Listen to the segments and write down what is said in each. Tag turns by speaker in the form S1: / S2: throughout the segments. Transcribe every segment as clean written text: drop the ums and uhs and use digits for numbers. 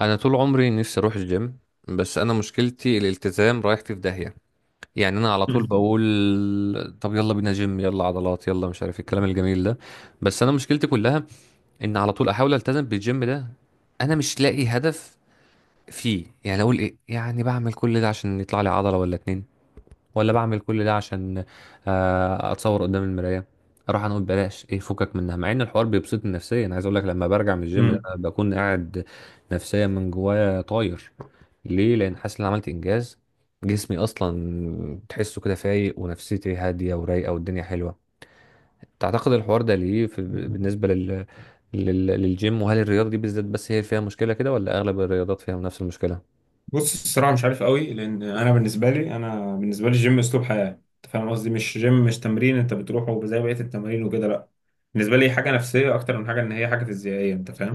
S1: انا طول عمري نفسي اروح الجيم. بس انا مشكلتي الالتزام، رايحتي في داهيه. يعني انا على طول بقول طب يلا بينا جيم، يلا عضلات، يلا مش عارف إيه الكلام الجميل ده. بس انا مشكلتي كلها ان على طول احاول التزم بالجيم ده. انا مش لاقي هدف فيه. يعني اقول ايه؟ يعني بعمل كل ده عشان يطلع لي عضله ولا اتنين، ولا بعمل كل ده عشان اتصور قدام المرايه؟ اروح انا اقول بلاش، ايه فكك منها، مع ان الحوار بيبسطني نفسيا. عايز اقول لك لما برجع من الجيم ده
S2: مم.
S1: أنا بكون قاعد نفسيا من جوايا طاير. ليه؟ لان حاسس ان أنا عملت انجاز. جسمي اصلا تحسه كده فايق، ونفسيتي هاديه ورايقه، والدنيا حلوه. تعتقد الحوار ده ليه في بالنسبه للجيم؟ وهل الرياضه دي بالذات بس هي فيها مشكله كده، ولا اغلب الرياضات فيها نفس المشكله؟
S2: بص الصراحه مش عارف قوي، لان انا بالنسبه لي الجيم اسلوب حياه. انت فاهم قصدي؟ مش جيم، مش تمرين انت بتروحه زي بقيه التمارين وكده، لا. بالنسبه لي حاجه نفسيه اكتر من حاجه ان هي حاجه فيزيائيه. انت فاهم؟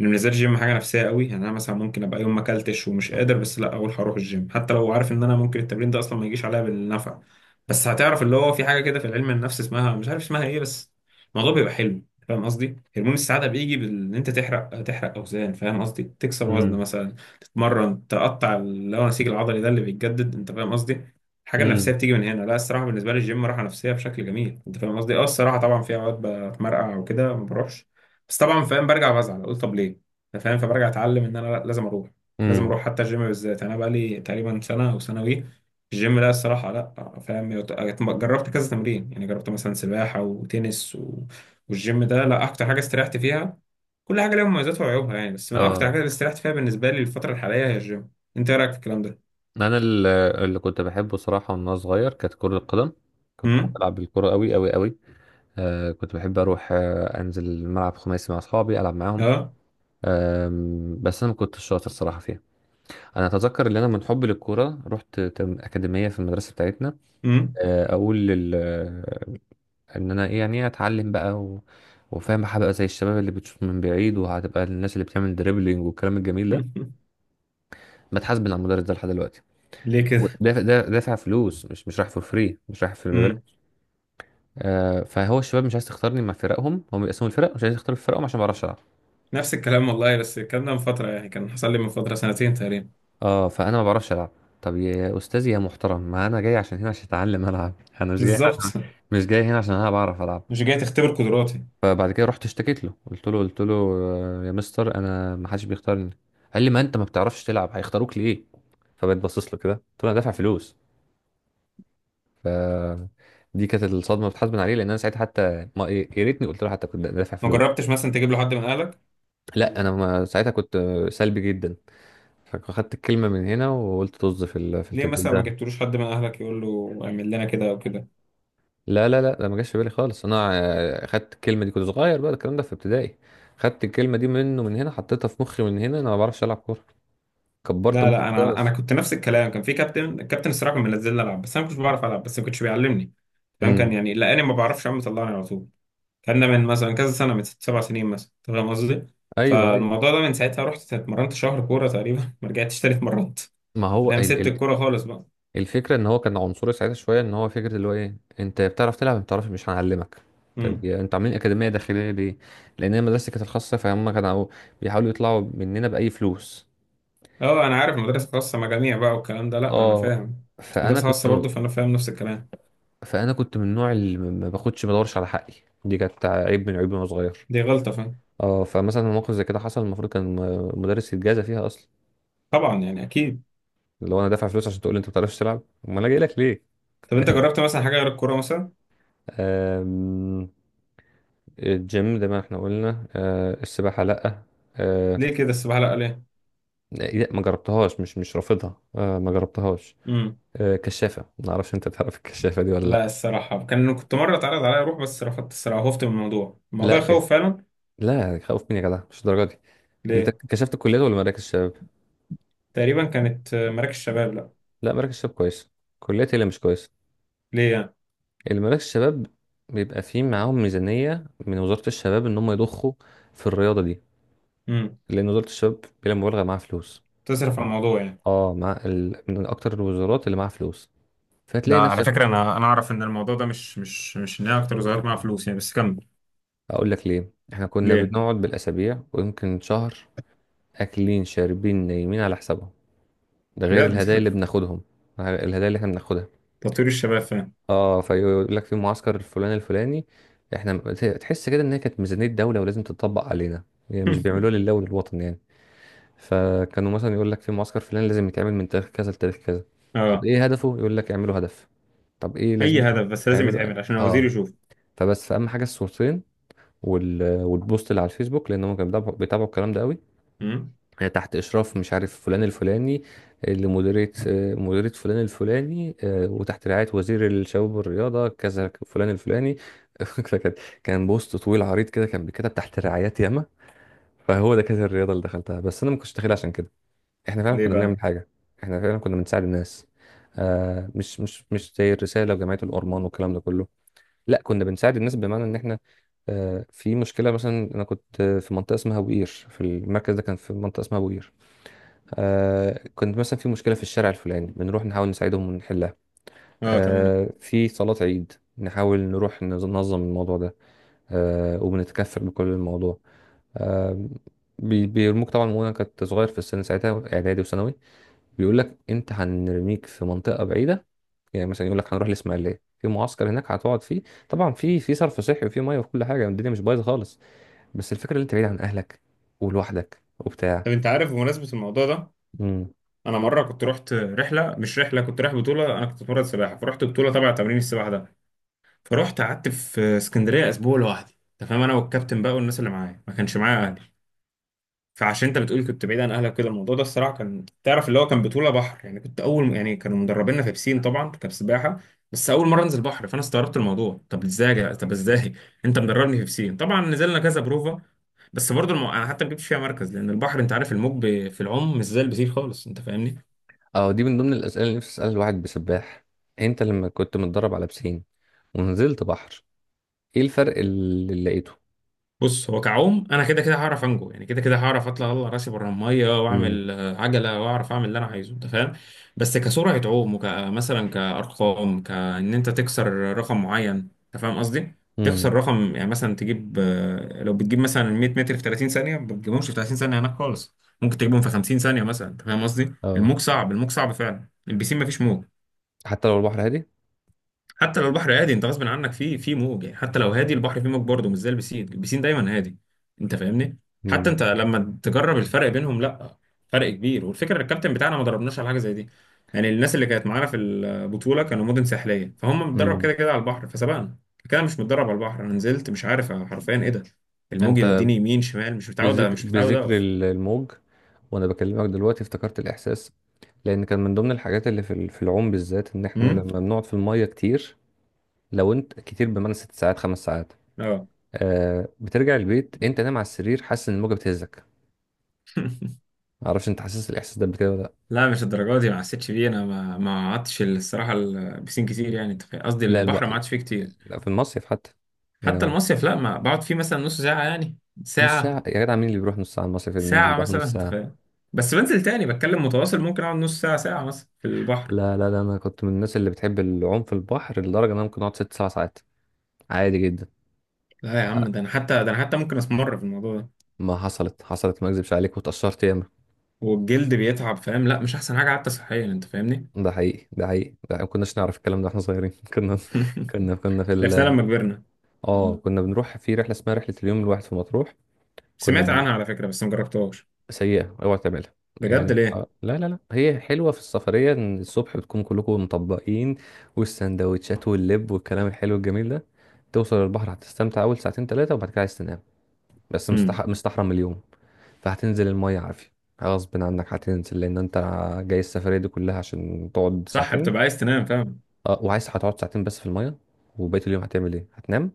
S2: ان بالنسبه لي الجيم حاجه نفسيه قوي. يعني انا مثلا ممكن ابقى يوم ما اكلتش ومش قادر، بس لا اقول هروح الجيم، حتى لو عارف ان انا ممكن التمرين ده اصلا ما يجيش عليا بالنفع. بس هتعرف اللي هو في حاجه كده في العلم النفس اسمها مش عارف اسمها ايه، بس الموضوع بيبقى حلو. فاهم قصدي؟ هرمون السعاده بيجي بان انت تحرق اوزان. فاهم قصدي؟ تكسر وزن
S1: امم.
S2: مثلا، تتمرن، تقطع اللي هو نسيج العضلي ده اللي بيتجدد. انت فاهم قصدي؟ الحاجه النفسيه
S1: امم.
S2: بتيجي من هنا. لا، الصراحه بالنسبه لي الجيم راحه نفسيه بشكل جميل. انت فاهم قصدي؟ اه الصراحه طبعا في اوقات بتمرقع وكده ما بروحش، بس طبعا فاهم برجع بزعل، اقول طب ليه؟ انت فاهم؟ فبرجع اتعلم ان انا، لا، لازم اروح. لازم
S1: امم.
S2: اروح، حتى الجيم بالذات انا بقى لي تقريبا سنه او سنوي. الجيم، لا الصراحه، لا فاهم جربت كذا تمرين. يعني جربت مثلا سباحه وتنس والجيم ده لا اكتر حاجه استريحت فيها. كل حاجه ليها مميزاتها وعيوبها يعني، بس من اكتر
S1: اه.
S2: حاجه اللي استريحت فيها بالنسبه لي الفتره الحاليه هي الجيم. انت ايه رايك في الكلام ده؟
S1: انا اللي كنت بحبه صراحه وانا صغير كانت كره القدم. كنت بحب
S2: امم.
S1: العب بالكره قوي قوي قوي. كنت بحب اروح انزل ملعب خماسي مع اصحابي العب معاهم.
S2: اه.
S1: بس انا ما كنتش شاطر صراحه فيها. انا اتذكر ان انا من حب للكوره رحت اكاديميه في المدرسه بتاعتنا.
S2: امم.
S1: اقول لل آه، ان انا ايه؟ يعني إيه؟ اتعلم بقى، و... وفاهم هبقى زي الشباب اللي بتشوط من بعيد، وهتبقى الناس اللي بتعمل دريبلينج والكلام الجميل ده. بتحاسب على المدرس ده لحد دلوقتي.
S2: ليه كده؟
S1: ودافع دافع دافع فلوس، مش رايح فور فري، مش رايح في
S2: امم.
S1: الببلاش. فهو الشباب مش عايز تختارني مع فرقهم، هم بيقسموا الفرق مش عايز يختاروا في فرقهم عشان ما بعرفش العب.
S2: نفس الكلام والله، بس الكلام ده من فتره، يعني كان حصل لي من فتره سنتين تقريبا.
S1: اه، فانا ما بعرفش العب. طب يا استاذي يا محترم، ما انا جاي عشان هنا عشان اتعلم العب. انا مش جاي هنا
S2: بالظبط.
S1: عشان- مش جاي هنا عشان انا بعرف العب.
S2: مش جاي تختبر قدراتي.
S1: فبعد كده رحت اشتكيت له، قلت له يا مستر انا ما حدش بيختارني. قال لي ما انت ما بتعرفش تلعب هيختاروك ليه؟ فبقيت باصص له كده، قلت له انا دافع فلوس. ف دي كانت الصدمه بتحاسبن عليه، لان انا ساعتها حتى ما إيه، يا ريتني قلت له حتى كنت دافع
S2: ما
S1: فلوس.
S2: جربتش مثلا تجيب له حد من اهلك؟
S1: لا انا ما ساعتها كنت سلبي جدا. فاخدت الكلمه من هنا، وقلت طز في في
S2: ليه
S1: التدريب
S2: مثلا ما
S1: ده.
S2: جبتلوش حد من اهلك يقول له اعمل لنا كده او كده؟
S1: لا لا لا، ده ما جاش في بالي خالص انا. خدت الكلمه دي، كنت صغير بقى الكلام ده في ابتدائي. خدت الكلمه دي منه من هنا، حطيتها في مخي من هنا، انا ما بعرفش العب كوره. كبرت
S2: لا
S1: مخي
S2: لا، انا
S1: خالص.
S2: كنت نفس الكلام. كان في كابتن، الكابتن الصراحه كان منزلني العب بس انا ما كنتش بعرف العب، بس ما كنتش بيعلمني. فاهم؟ كان
S1: امم.
S2: يعني لقاني ما بعرفش اعمل طلعني على طول. كان من مثلا كذا سنة، من ست سبع سنين مثلا. أنت فاهم قصدي؟
S1: ايوه، ايوه.
S2: فالموضوع ده من ساعتها رحت اتمرنت شهر كورة تقريبا، ما رجعتش تاني اتمرنت.
S1: ما هو
S2: أنت فاهم؟
S1: ال
S2: سبت
S1: ال
S2: الكورة خالص بقى.
S1: الفكره ان هو كان عنصري ساعتها شويه، ان هو فكره اللي هو ايه، انت بتعرف تلعب ما بتعرفش مش هنعلمك. طب
S2: امم.
S1: انتوا عاملين اكاديميه داخليه ليه؟ لان هي مدرستي كانت الخاصه فهم كانوا بيحاولوا يطلعوا مننا باي فلوس.
S2: اه انا عارف، مدرسة خاصة مجاميع بقى والكلام ده، لا انا
S1: اه،
S2: فاهم. كنت في
S1: فانا
S2: مدرسة
S1: كنت
S2: خاصة برضه، فانا فاهم نفس الكلام.
S1: فانا كنت من النوع اللي ما باخدش ما بدورش على حقي. دي كانت عيب من عيوبي وانا صغير.
S2: دي غلطة، فاهم؟
S1: اه، فمثلا موقف زي كده حصل، المفروض كان مدرس يتجازى فيها اصلا.
S2: طبعا يعني اكيد.
S1: اللي هو انا دافع فلوس عشان تقول لي انت ما بتعرفش تلعب؟ امال انا جاي لك ليه؟
S2: طب انت جربت مثلا حاجة غير الكورة مثلا؟
S1: أم... الجيم زي ما احنا قلنا، السباحة لأ، آه،
S2: ليه كده السباحة؟ لا ليه؟
S1: لا ما جربتهاش، مش رافضها، ما جربتهاش.
S2: امم.
S1: كشافة، ما اعرفش، انت تعرف الكشافة دي ولا
S2: لا
S1: لا؟
S2: الصراحة كان كنت مرة اتعرض عليا اروح بس رفضت الصراحة، خفت من الموضوع،
S1: لا
S2: الموضوع يخوف فعلا.
S1: لا، خوف مني يا جدع مش الدرجة دي. انت
S2: ليه؟
S1: كشفت الكليات ولا مراكز الشباب؟
S2: تقريبا كانت مراكز شباب، لا.
S1: لا، مراكز الشباب كويس، الكليات هي اللي مش كويسة.
S2: ليه؟
S1: المراكز الشباب بيبقى فيه معاهم ميزانية من وزارة الشباب ان هم يضخوا في الرياضة دي.
S2: يعني
S1: لان وزارة الشباب بلا مبالغة معاها فلوس.
S2: تصرف على الموضوع يعني.
S1: اه، من اكتر الوزارات اللي معاها فلوس.
S2: ده
S1: فهتلاقي
S2: على
S1: نفسك.
S2: فكرة أنا أنا أعرف إن الموضوع ده مش إن هي أكتر وظاهر معاها فلوس يعني، بس كمل.
S1: اقول لك ليه، احنا كنا
S2: ليه؟
S1: بنقعد بالاسابيع ويمكن شهر، اكلين شاربين نايمين على حسابهم، ده غير
S2: بجد؟
S1: الهدايا اللي بناخدهم. الهدايا اللي احنا بناخدها.
S2: تطوير الشباب فاهم.
S1: اه، فيقول لك في معسكر الفلاني الفلاني، احنا، تحس كده ان هي كانت ميزانية دولة ولازم تطبق علينا. يعني مش بيعملوها لله وللوطن يعني. فكانوا مثلا يقول لك في معسكر فلاني لازم يتعمل من تاريخ كذا لتاريخ كذا. طب
S2: أه.
S1: ايه هدفه؟ يقول لك اعملوا هدف. طب ايه
S2: أي
S1: لازمته؟
S2: هدف بس لازم
S1: اعملوا.
S2: يتعمل عشان الوزير
S1: اه،
S2: يشوف.
S1: فبس فاهم حاجة الصورتين، والبوست اللي على الفيسبوك، لان هم كانوا بيتابعوا بيتابعوا الكلام ده قوي.
S2: أمم؟
S1: تحت إشراف مش عارف فلان الفلاني، لمديرية، مديرية فلان الفلاني، وتحت رعاية وزير الشباب والرياضة كذا فلان الفلاني. فكان بوست طويل عريض كده، كان بيتكتب تحت رعايات ياما. فهو ده كانت الرياضة اللي دخلتها، بس أنا ما كنتش داخلها عشان كده. إحنا فعلا
S2: ليه
S1: كنا
S2: بقى؟
S1: بنعمل حاجة. إحنا فعلا كنا بنساعد الناس. مش زي الرسالة وجمعية الأورمان والكلام ده كله. لا، كنا بنساعد الناس، بمعنى إن إحنا في مشكلة. مثلا أنا كنت في منطقة اسمها بوقير، في المركز ده كان في منطقة اسمها بوقير. كنت مثلا في مشكلة في الشارع الفلاني، بنروح نحاول نساعدهم ونحلها.
S2: أه تمام.
S1: في صلاة عيد نحاول نروح ننظم الموضوع ده. وبنتكفل بكل الموضوع. آه بيرموك طبعا، وانا كنت صغير في السن ساعتها، اعدادي وثانوي. بيقول لك انت هنرميك في منطقة بعيدة. يعني مثلا يقول لك هنروح الاسماعيلية في معسكر هناك هتقعد فيه. طبعا في صرف صحي، وفي ميه، وفي كل حاجة، الدنيا مش بايظة خالص. بس الفكرة اللي انت بعيد عن اهلك، ولوحدك وبتاع.
S2: طب أنت عارف بمناسبة الموضوع ده، أنا مرة كنت رحت رحلة، مش رحلة، كنت رايح بطولة. أنا كنت بتمرن سباحة فرحت بطولة تبع تمرين السباحة ده. فرحت قعدت في اسكندرية أسبوع لوحدي. أنت فاهم؟ أنا والكابتن بقى والناس اللي معايا، ما كانش معايا أهلي. فعشان انت بتقول كنت بعيد عن اهلك كده، الموضوع ده الصراحه كان، تعرف اللي هو كان بطوله بحر يعني. كنت اول، يعني كانوا مدربيننا في بسين طبعا، كان سباحه بس اول مره انزل بحر. فانا استغربت الموضوع، طب ازاي يا جدع-، طب ازاي انت مدربني في بسين. طبعا نزلنا كذا بروفا، بس برضه انا حتى ما جبتش فيها مركز، لان البحر انت عارف الموج في العوم مش زي البسين خالص. انت فاهمني؟
S1: اه، دي من ضمن الأسئلة اللي نفسي أسألها الواحد بسباح. انت لما كنت متدرب على بسين ونزلت بحر، ايه الفرق اللي لقيته؟
S2: بص هو كعوم انا كده كده هعرف انجو، يعني كده كده هعرف اطلع، اطلع راسي بره الميه
S1: امم.
S2: واعمل عجله واعرف اعمل اللي انا عايزه. انت فاهم؟ بس كسرعه عوم وكمثلا كارقام، كان انت تكسر رقم معين. انت فاهم قصدي؟ تكسر
S1: امم.
S2: رقم يعني مثلا تجيب لو بتجيب مثلا 100 متر في 30 ثانيه، ما بتجيبهمش في 30 ثانيه هناك خالص، ممكن تجيبهم في 50 ثانيه مثلا. انت فاهم قصدي؟
S1: اه،
S2: الموج صعب، الموج صعب فعلا. البسين ما فيش موج.
S1: حتى لو البحر هادي؟
S2: حتى لو البحر هادي، انت غصب عنك في موج، يعني حتى لو هادي البحر فيه موج برضه مش زي البسين، البسين دايما هادي. انت فاهمني؟ حتى
S1: امم.
S2: انت لما تجرب الفرق بينهم، لا فرق كبير. والفكره الكابتن بتاعنا ما دربناش على حاجه زي دي، يعني الناس اللي كانت معانا في البطوله كانوا مدن ساحليه فهم متدرب
S1: امم.
S2: كده كده على البحر فسبقنا كده. مش متدرب على البحر، انا نزلت مش عارف حرفيا ايه ده، الموج
S1: انت
S2: يوديني يمين شمال. مش متعود،
S1: بذكر
S2: مش متعود
S1: بذكر
S2: اقف.
S1: الموج، وانا بكلمك دلوقتي افتكرت الإحساس. لأن كان من ضمن الحاجات اللي في العوم بالذات إن إحنا
S2: امم.
S1: لما بنقعد في المية كتير، لو أنت كتير بمعنى 6 ساعات، 5 ساعات،
S2: اه.
S1: بترجع البيت أنت نايم على السرير حاسس إن الموجة بتهزك. معرفش أنت حاسس الإحساس ده بكده؟
S2: لا مش الدرجات دي، ما حسيتش بيه. انا ما قعدتش الصراحه البسين كتير، يعني. أنت فاهم؟ قصدي
S1: لا
S2: البحر ما قعدتش فيه كتير.
S1: لا، في المصيف حتى. يعني
S2: حتى
S1: هو
S2: المصيف لا، ما بقعد فيه مثلا نص ساعة يعني.
S1: نص ساعة؟
S2: ساعة،
S1: يا جدع مين اللي بيروح نص ساعة المصيف، اللي ينزل
S2: ساعة
S1: البحر
S2: مثلا.
S1: نص
S2: انت
S1: ساعة؟
S2: فاهم؟ بس بنزل تاني بتكلم متواصل، ممكن اقعد نص ساعة ساعة مثلا في البحر.
S1: لا لا لا، أنا كنت من الناس اللي بتحب العوم في البحر لدرجة إن أنا ممكن أقعد 6 أو 7 ساعات عادي جدا.
S2: لا يا
S1: آه،
S2: عم، ده انا حتى، ده انا حتى ممكن اسمر في الموضوع ده.
S1: ما حصلت حصلت، ما أكذبش عليك، واتأثرت ياما.
S2: والجلد بيتعب، فاهم؟ لا مش احسن حاجة حتى صحيا. انت فاهمني؟
S1: ده حقيقي، ده حقيقي، ده ما كناش نعرف الكلام ده واحنا صغيرين. كنا كنا كنا في
S2: عرفناها
S1: ال
S2: لما كبرنا.
S1: اه، كنا بنروح في رحلة اسمها رحلة اليوم الواحد في مطروح. كنا
S2: سمعت
S1: بن...
S2: عنها على فكرة بس ما جربتهاش.
S1: سيئة اوعى تعملها.
S2: بجد؟
S1: يعني
S2: ليه؟
S1: لا لا لا، هي حلوة في السفرية ان الصبح بتكون كلكم مطبقين، والسندوتشات واللب والكلام الحلو الجميل ده، توصل البحر هتستمتع اول ساعتين ثلاثة، وبعد كده عايز تنام، بس
S2: امم.
S1: مستحرم اليوم. فهتنزل المية عافية، غصب عنك هتنزل، لان انت جاي السفرية دي كلها عشان تقعد
S2: صح،
S1: ساعتين.
S2: بتبقى عايز تنام، فاهم.
S1: اه، وعايز هتقعد ساعتين بس في المية، وبقية اليوم هتعمل ايه؟ هتنام؟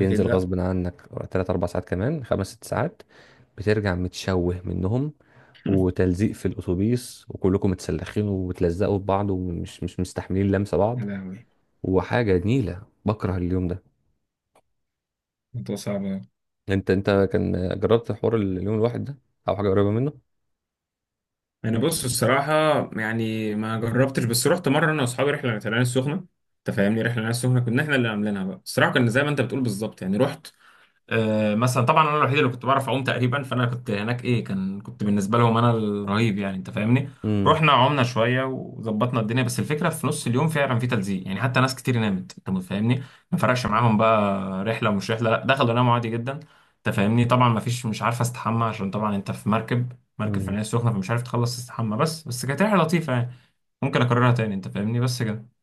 S2: اكيد لا.
S1: غصب عنك 3 أو 4 ساعات، كمان 5 أو 6 ساعات، بترجع متشوه منهم، وتلزيق في الأتوبيس وكلكم متسلخين وبتلزقوا في بعض، ومش مش مستحملين لمسة
S2: يا
S1: بعض،
S2: لهوي.
S1: وحاجة نيلة بكره اليوم ده.
S2: الموضوع صعب.
S1: انت كان جربت حوار اليوم الواحد ده او حاجة قريبة منه؟
S2: انا بص الصراحه، يعني ما جربتش، بس رحت مره انا واصحابي رحله العين السخنه. انت فاهمني؟ رحله العين السخنه كنا احنا اللي عاملينها بقى. الصراحه كان زي ما انت بتقول بالظبط. يعني رحت مثلا طبعا انا الوحيد اللي كنت بعرف اعوم تقريبا، فانا كنت هناك ايه، كان كنت بالنسبه لهم انا الرهيب، يعني انت فاهمني؟ رحنا عمنا شويه وظبطنا الدنيا، بس الفكره في نص اليوم فعلا في تلزيق يعني، حتى ناس كتير نامت. انت فاهمني؟ ما فرقش معاهم بقى رحله ومش رحله، لا دخلوا ناموا عادي جدا. انت فاهمني؟ طبعا ما فيش مش عارف استحمى، عشان طبعا انت في مركب، مركب في
S1: امم.
S2: العين السخنه، فمش عارف تخلص تستحمى. بس كانت رحله لطيفه يعني. ممكن اكررها تاني. انت فاهمني؟ بس كده.